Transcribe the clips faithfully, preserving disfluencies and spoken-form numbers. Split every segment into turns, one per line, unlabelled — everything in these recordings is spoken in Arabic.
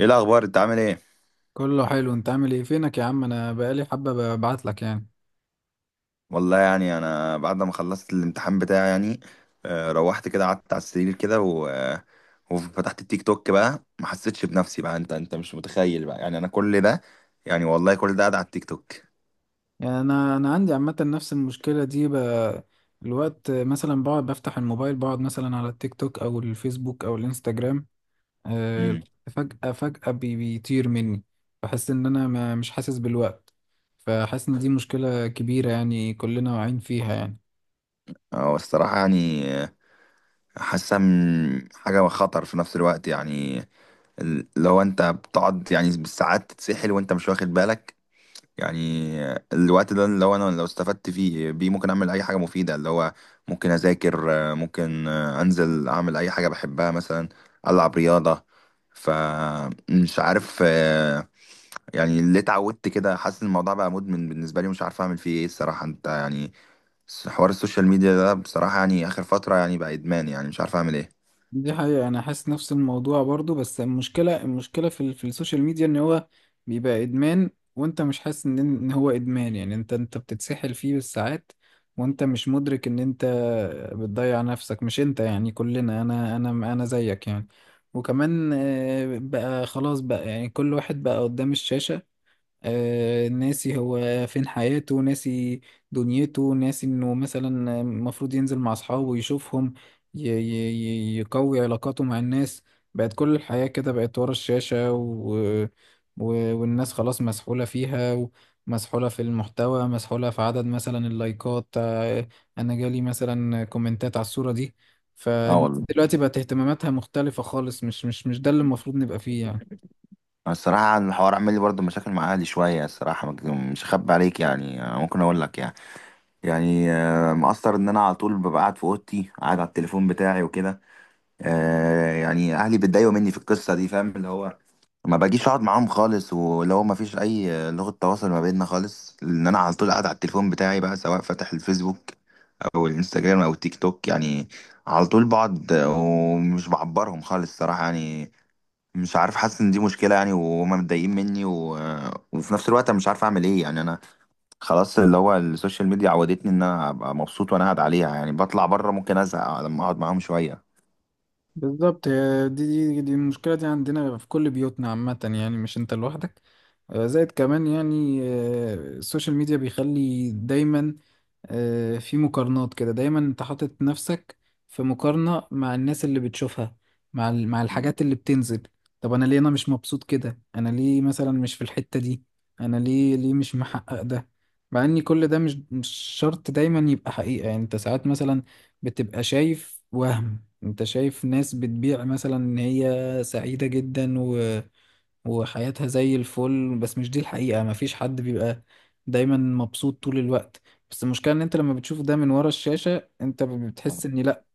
ايه الاخبار؟ انت عامل ايه؟
كله حلو، انت عامل ايه؟ فينك يا عم؟ انا بقالي حبة ببعت لك يعني.
والله يعني انا بعد ما خلصت الامتحان بتاعي يعني آه، روحت كده قعدت على السرير كده و... آه، وفتحت التيك توك بقى، ما حسيتش بنفسي بقى. انت انت مش متخيل بقى يعني انا كل ده، يعني والله كل ده قاعد على التيك توك.
يعني انا انا عندي عامة نفس المشكلة دي ب... الوقت، مثلا بقعد بفتح الموبايل، بقعد مثلا على التيك توك او الفيسبوك او الانستجرام. آه،
امم
الوقت فجأة فجأة بي- بيطير مني. بحس ان انا ما مش حاسس بالوقت. فحاسس ان دي مشكلة كبيرة، يعني كلنا واعيين فيها يعني.
هو الصراحه يعني آه، حاسه م- حاجه خطر في نفس الوقت يعني. ال- لو انت بتقعد يعني بالساعات تتسحل وانت مش واخد بالك يعني. الوقت ده اللي هو انا لو استفدت فيه بيه ممكن اعمل اي حاجه مفيده، اللي هو ممكن اذاكر، ممكن انزل اعمل اي حاجه بحبها مثلا، العب رياضه. فمش عارف، آه، يعني اللي اتعودت كده، حاسس إن الموضوع بقى مدمن بالنسبه لي، مش عارف اعمل فيه ايه الصراحه. انت يعني حوار السوشيال ميديا ده بصراحه يعني اخر فتره يعني بقى ادمان، يعني مش عارف اعمل ايه.
دي حقيقة، أنا حاسس نفس الموضوع برضو. بس المشكلة، المشكلة في, ال- في السوشيال ميديا، إن هو بيبقى إدمان، وأنت مش حاسس إن إن هو إدمان. يعني أنت أنت بتتسحل فيه بالساعات وأنت مش مدرك إن أنت بتضيع نفسك. مش أنت يعني، كلنا، أنا أنا أنا زيك يعني. وكمان آه، بقى خلاص بقى، يعني كل واحد بقى قدام الشاشة، آه، ناسي هو فين حياته، ناسي دنيته، ناسي انه مثلا المفروض ينزل مع اصحابه ويشوفهم، ي- ي- ي- يقوي علاقاته مع الناس. بقت كل الحياة كده بقت ورا الشاشة و... و... والناس خلاص مسحولة فيها، ومسحولة في المحتوى، مسحولة في عدد مثلا اللايكات. آه، انا جالي مثلا كومنتات على الصورة دي. مم.
اه والله.
فدلوقتي بقت اهتماماتها مختلفة خالص. مش مش مش ده اللي المفروض نبقى فيه يعني.
الصراحه الحوار عامل لي برضه مشاكل مع اهلي شويه الصراحه، مش هخبي عليك يعني، ممكن اقول لك يعني. يعني آه، مقصر ان انا على طول ببقى قاعد في اوضتي، قاعد على التليفون بتاعي وكده. آه، يعني اهلي بيتضايقوا مني في القصه دي، فاهم؟ اللي هو ما باجيش اقعد معاهم خالص، ولو ما فيش اي آه، لغه تواصل ما بيننا خالص، لان انا على طول قاعد على التليفون بتاعي بقى، سواء فاتح الفيسبوك او الانستجرام او التيك توك يعني. على طول بقعد آه، ومش بعبرهم خالص صراحه يعني. مش عارف، حاسس ان دي مشكله يعني، وهما متضايقين مني و... آه، وفي نفس الوقت انا مش عارف اعمل ايه يعني. انا خلاص اللي هو السوشيال ميديا عودتني ان انا ابقى مبسوط وانا قاعد عليها، يعني بطلع بره ممكن ازهق لما اقعد معاهم شويه.
بالظبط، هي دي. دي دي المشكلة دي عندنا في كل بيوتنا عامة، يعني مش انت لوحدك. آه، زائد كمان يعني، آه، السوشيال ميديا بيخلي دايما آه، في مقارنات كده. دايما انت حاطط نفسك في مقارنة مع الناس اللي بتشوفها، مع ال- مع الحاجات اللي بتنزل. طب انا ليه انا مش مبسوط كده؟ انا ليه مثلا مش في الحتة دي؟ انا ليه ليه مش محقق ده؟ مع ان كل ده مش مش شرط دايما يبقى حقيقة. يعني انت ساعات مثلا بتبقى شايف وهم. انت شايف ناس بتبيع مثلا ان هي سعيدة جدا، و... وحياتها زي الفل، بس مش دي الحقيقة. مفيش حد بيبقى دايما مبسوط طول الوقت. بس المشكلة ان انت لما بتشوف ده من ورا الشاشة، انت
آه،
بتحس ان لا،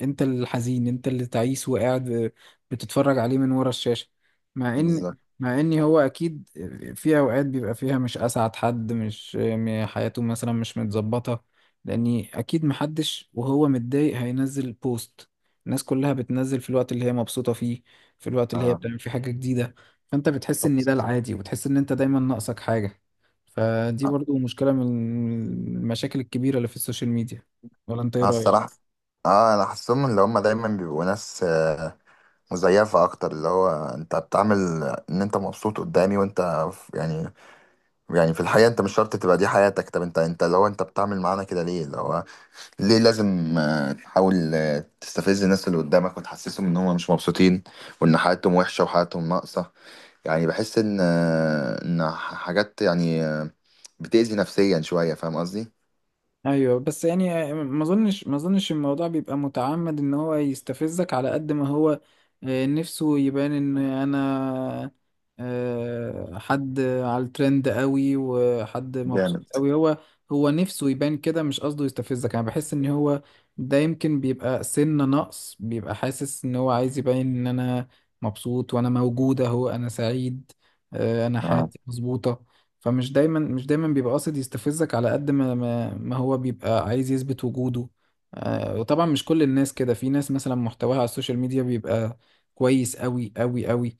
انت الحزين، انت اللي تعيس وقاعد بتتفرج عليه من ورا الشاشة. مع ان
بالظبط.
مع ان هو اكيد في اوقات بيبقى فيها مش اسعد حد، مش م- حياته مثلا مش متظبطة، لاني اكيد محدش وهو متضايق هينزل بوست. الناس كلها بتنزل في الوقت اللي هي مبسوطة فيه، في الوقت اللي هي
اه
بتعمل فيه حاجة جديدة. فانت بتحس ان
بس.
ده العادي، وبتحس ان انت دايما ناقصك حاجة. فدي برضو مشكلة من المشاكل الكبيرة اللي في السوشيال ميديا، ولا انت ايه
اه الصراحة،
رأيك؟
اه انا حاسسهم اللي هم دايما بيبقوا ناس آه، مزيفة اكتر، اللي هو انت بتعمل ان انت مبسوط قدامي وانت ف- يعني، يعني في الحقيقة انت مش شرط تبقى دي حياتك. طب انت انت اللي هو انت بتعمل معانا كده ليه؟ اللي هو ليه لازم آه، تحاول آه، تستفز الناس اللي قدامك وتحسسهم ان هم مش مبسوطين، وان حياتهم وحشة وحياتهم ناقصة؟ يعني بحس ان آه، ان حاجات يعني آه، بتأذي نفسيا شوية، فاهم قصدي؟
ايوه، بس يعني ما اظنش ما اظنش الموضوع بيبقى متعمد ان هو يستفزك، على قد ما هو آه، نفسه يبان ان انا آه، حد على الترند قوي، وحد مبسوط
جامد.
قوي. هو هو نفسه يبان كده، مش قصده يستفزك. انا بحس ان هو ده يمكن بيبقى سنة نقص، بيبقى حاسس ان هو عايز يبين ان انا مبسوط، وانا موجود اهو، انا سعيد، آه، انا
اه.
حياتي مظبوطة. فمش دايما، مش دايما بيبقى قاصد يستفزك، على قد ما ما ما هو بيبقى عايز يثبت وجوده. آه، وطبعا مش كل الناس كده، في ناس مثلا محتواها على السوشيال ميديا بيبقى كويس قوي. قوي قوي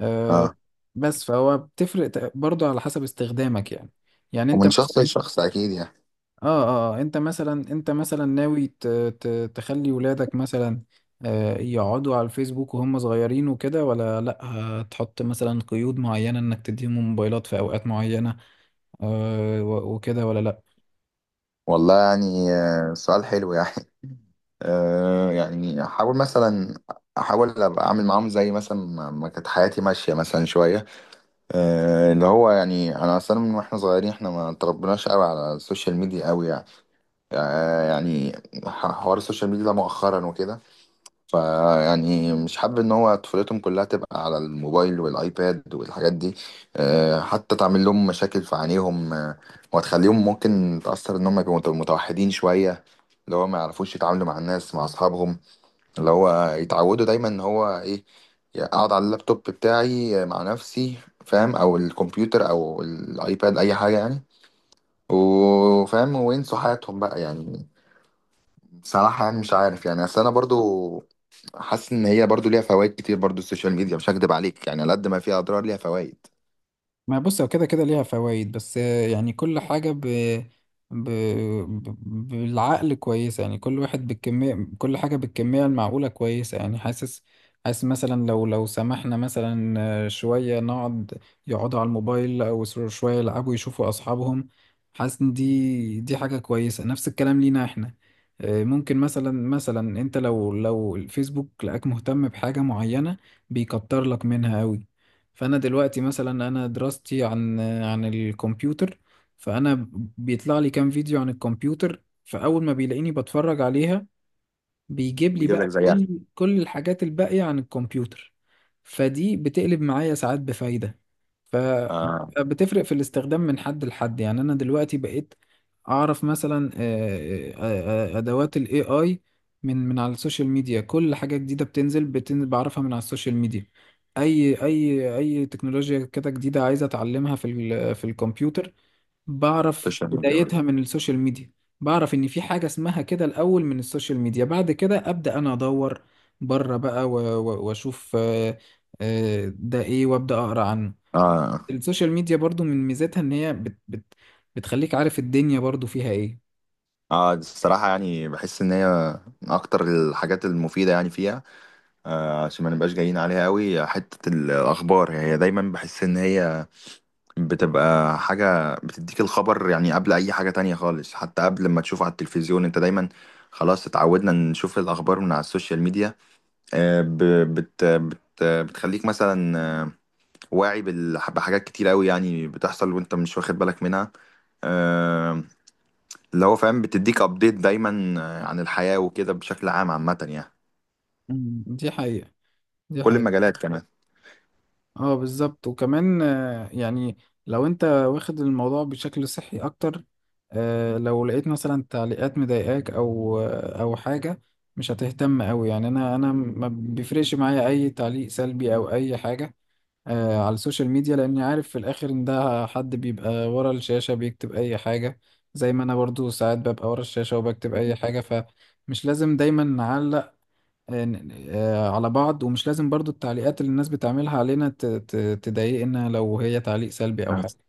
آه،
اه،
بس، فهو بتفرق ت- برضه على حسب استخدامك يعني. يعني انت
ومن
مثلا،
شخص لشخص اكيد يعني.
اه. اه، آه، انت مثلا، انت مثلا ناوي ت- ت- تخلي ولادك مثلا آه، يقعدوا على الفيسبوك وهم صغيرين وكده، ولا لا هتحط مثلا قيود معينة انك تديهم موبايلات في اوقات معينة آه، و- وكده، ولا لا؟
والله يعني آه، سؤال حلو يعني. آه يعني احاول مثلا، احاول ابقى اعمل معاهم زي مثلا ما ما كانت حياتي ماشية مثلا شوية. آه، اللي هو يعني انا اصلا من واحنا صغيرين احنا ما اتربناش قوي على السوشيال ميديا قوي يعني. آه، يعني ح- حوار السوشيال ميديا ده مؤخرا وكده. فيعني مش حابب ان هو طفولتهم كلها تبقى على الموبايل والايباد والحاجات دي. آه، حتى تعمل لهم مشاكل في عينيهم. آه، وهتخليهم ممكن تأثر ان هم يبقوا مت- متوحدين شوية، اللي هو ما يعرفوش يتعاملوا مع الناس مع اصحابهم. اللي هو يتعودوا دايما ان هو ايه، اقعد على اللابتوب بتاعي مع نفسي، فاهم؟ او الكمبيوتر او الايباد اي حاجه يعني، وفاهم، وينسوا حياتهم بقى يعني. بصراحه يعني مش عارف يعني، اصل انا برضو حاسس ان هي برضو ليها فوائد كتير برضو السوشيال ميديا، مش هكدب عليك يعني، على قد ما فيها اضرار ليها فوائد.
ما بص، هو كده كده ليها فوائد، بس آه، يعني كل حاجة ب... ب... ب... بالعقل كويسة. يعني كل واحد بالكمية، كل حاجة بالكمية المعقولة كويسة. يعني حاسس حاسس مثلا، لو لو سمحنا مثلا آه، شوية، نقعد، يقعدوا على الموبايل، أو سو- شوية يلعبوا يشوفوا أصحابهم. حاسس إن دي دي حاجة كويسة. نفس الكلام لينا إحنا. آه، ممكن مثلا، مثلا أنت لو لو الفيسبوك لقاك مهتم بحاجة معينة، بيكتر لك منها أوي. فانا دلوقتي مثلا، انا دراستي عن عن الكمبيوتر، فانا بيطلع لي كام فيديو عن الكمبيوتر، فاول ما بيلاقيني بتفرج عليها، بيجيب لي
بيجيب
بقى
لك زيها.
كل كل الحاجات الباقية عن الكمبيوتر. فدي بتقلب معايا ساعات بفايدة.
اه.
فبتفرق في الاستخدام من حد لحد يعني. أنا دلوقتي بقيت أعرف مثلا، آه، آه، آه، أدوات ال إيه آي من من على السوشيال ميديا. كل حاجة جديدة بتنزل بتنزل بعرفها من على السوشيال ميديا. أي أي أي تكنولوجيا كده جديدة عايزة أتعلمها في ال- في الكمبيوتر، بعرف
السوشيال ميديا بس.
بدايتها من السوشيال ميديا. بعرف ان في حاجة اسمها كده الاول من السوشيال ميديا، بعد كده ابدا انا ادور بره بقى و- و- واشوف آه، آه، ده ايه، وابدا اقرا عنه.
اه،
السوشيال ميديا برضو من ميزاتها ان هي بت بت بتخليك عارف الدنيا برضو فيها ايه.
اه الصراحه يعني بحس ان هي من اكتر الحاجات المفيده يعني فيها آه، عشان ما نبقاش جايين عليها قوي، حتة الأخبار يعني هي دايما بحس إن هي بتبقى حاجة بتديك الخبر يعني قبل أي حاجة تانية خالص، حتى قبل ما تشوفه على التلفزيون. أنت دايما خلاص اتعودنا نشوف الأخبار من على السوشيال ميديا. آه، ب- بت بت بتخليك مثلا آه، واعي بال- بحاجات كتير قوي يعني بتحصل وأنت مش واخد بالك منها. آه، اللي هو فاهم، بتديك أبديت دايما آه، عن الحياة وكده بشكل عام عامة يعني.
مم. دي حقيقة، دي
كل
حقيقة
المجالات كمان.
اه بالظبط. وكمان آه، يعني لو انت واخد الموضوع بشكل صحي اكتر، آه، لو لقيت مثلا تعليقات مضايقاك او آه، او حاجه، مش هتهتم قوي. يعني انا، انا ما بيفرقش معايا اي تعليق سلبي او اي حاجه آه، على السوشيال ميديا، لاني عارف في الاخر ان ده حد بيبقى ورا الشاشه بيكتب اي حاجه، زي ما انا برضو ساعات ببقى ورا الشاشه وبكتب اي حاجه. فمش لازم دايما نعلق آه، على بعض، ومش لازم برضو التعليقات اللي الناس بتعملها علينا ت- ت- تضايقنا لو هي تعليق سلبي او حاجة.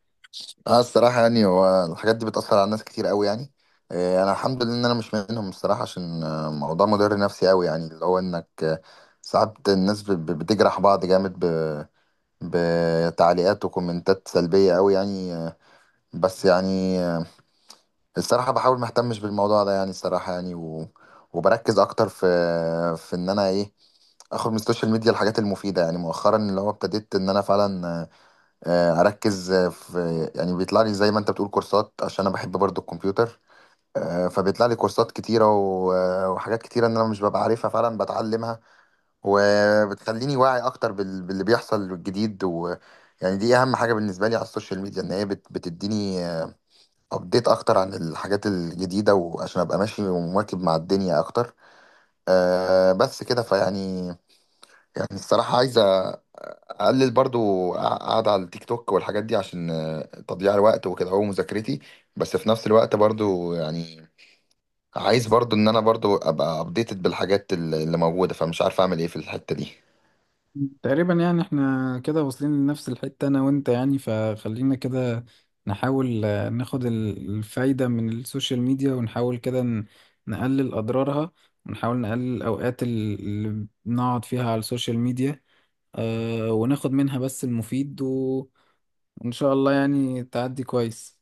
اه الصراحة يعني هو الحاجات دي بتأثر على ناس كتير قوي يعني. آه، أنا الحمد لله إن أنا مش منهم الصراحة، عشان آه، موضوع مضر نفسي قوي يعني، اللي هو إنك آه، ساعات الناس ب- ب- بتجرح بعض جامد ب- بتعليقات وكومنتات سلبية قوي يعني. آه، بس يعني آه، الصراحة بحاول ما اهتمش بالموضوع ده يعني الصراحة يعني، و... وبركز أكتر في، في إن أنا إيه، آخد من السوشيال ميديا الحاجات المفيدة يعني. مؤخرا اللي هو ابتديت إن أنا فعلا آه، آه، اركز آه، في، يعني بيطلع لي زي ما انت بتقول كورسات، عشان انا بحب برضو الكمبيوتر. آه، فبيطلع لي كورسات كتيرة و- آه، وحاجات كتيرة ان انا مش ببقى عارفها، فعلا بتعلمها وبتخليني واعي اكتر بال- باللي بيحصل الجديد. و يعني دي اهم حاجة بالنسبة لي على السوشيال ميديا، ان هي بت- بتديني ابديت اكتر عن الحاجات الجديدة، وعشان ابقى ماشي ومواكب مع الدنيا اكتر. آه، بس كده. فيعني يعني الصراحة عايز اقلل برضو قاعد على التيك توك والحاجات دي، عشان آه، تضييع الوقت وكده، هو مذاكرتي. بس في نفس الوقت برضو يعني عايز برضو ان انا برضو ابقى ابديتد بالحاجات اللي اللي موجودة، فمش عارف اعمل ايه في الحتة دي.
تقريبا يعني احنا كده واصلين لنفس الحتة، انا وانت يعني. فخلينا كده نحاول آه، ناخد ال- الفايدة من السوشيال ميديا، ونحاول كده ن- نقلل اضرارها، ونحاول نقلل الاوقات ال- اللي بنقعد فيها على السوشيال ميديا، آه، وناخد منها بس المفيد و- وان شاء الله يعني تعدي كويس.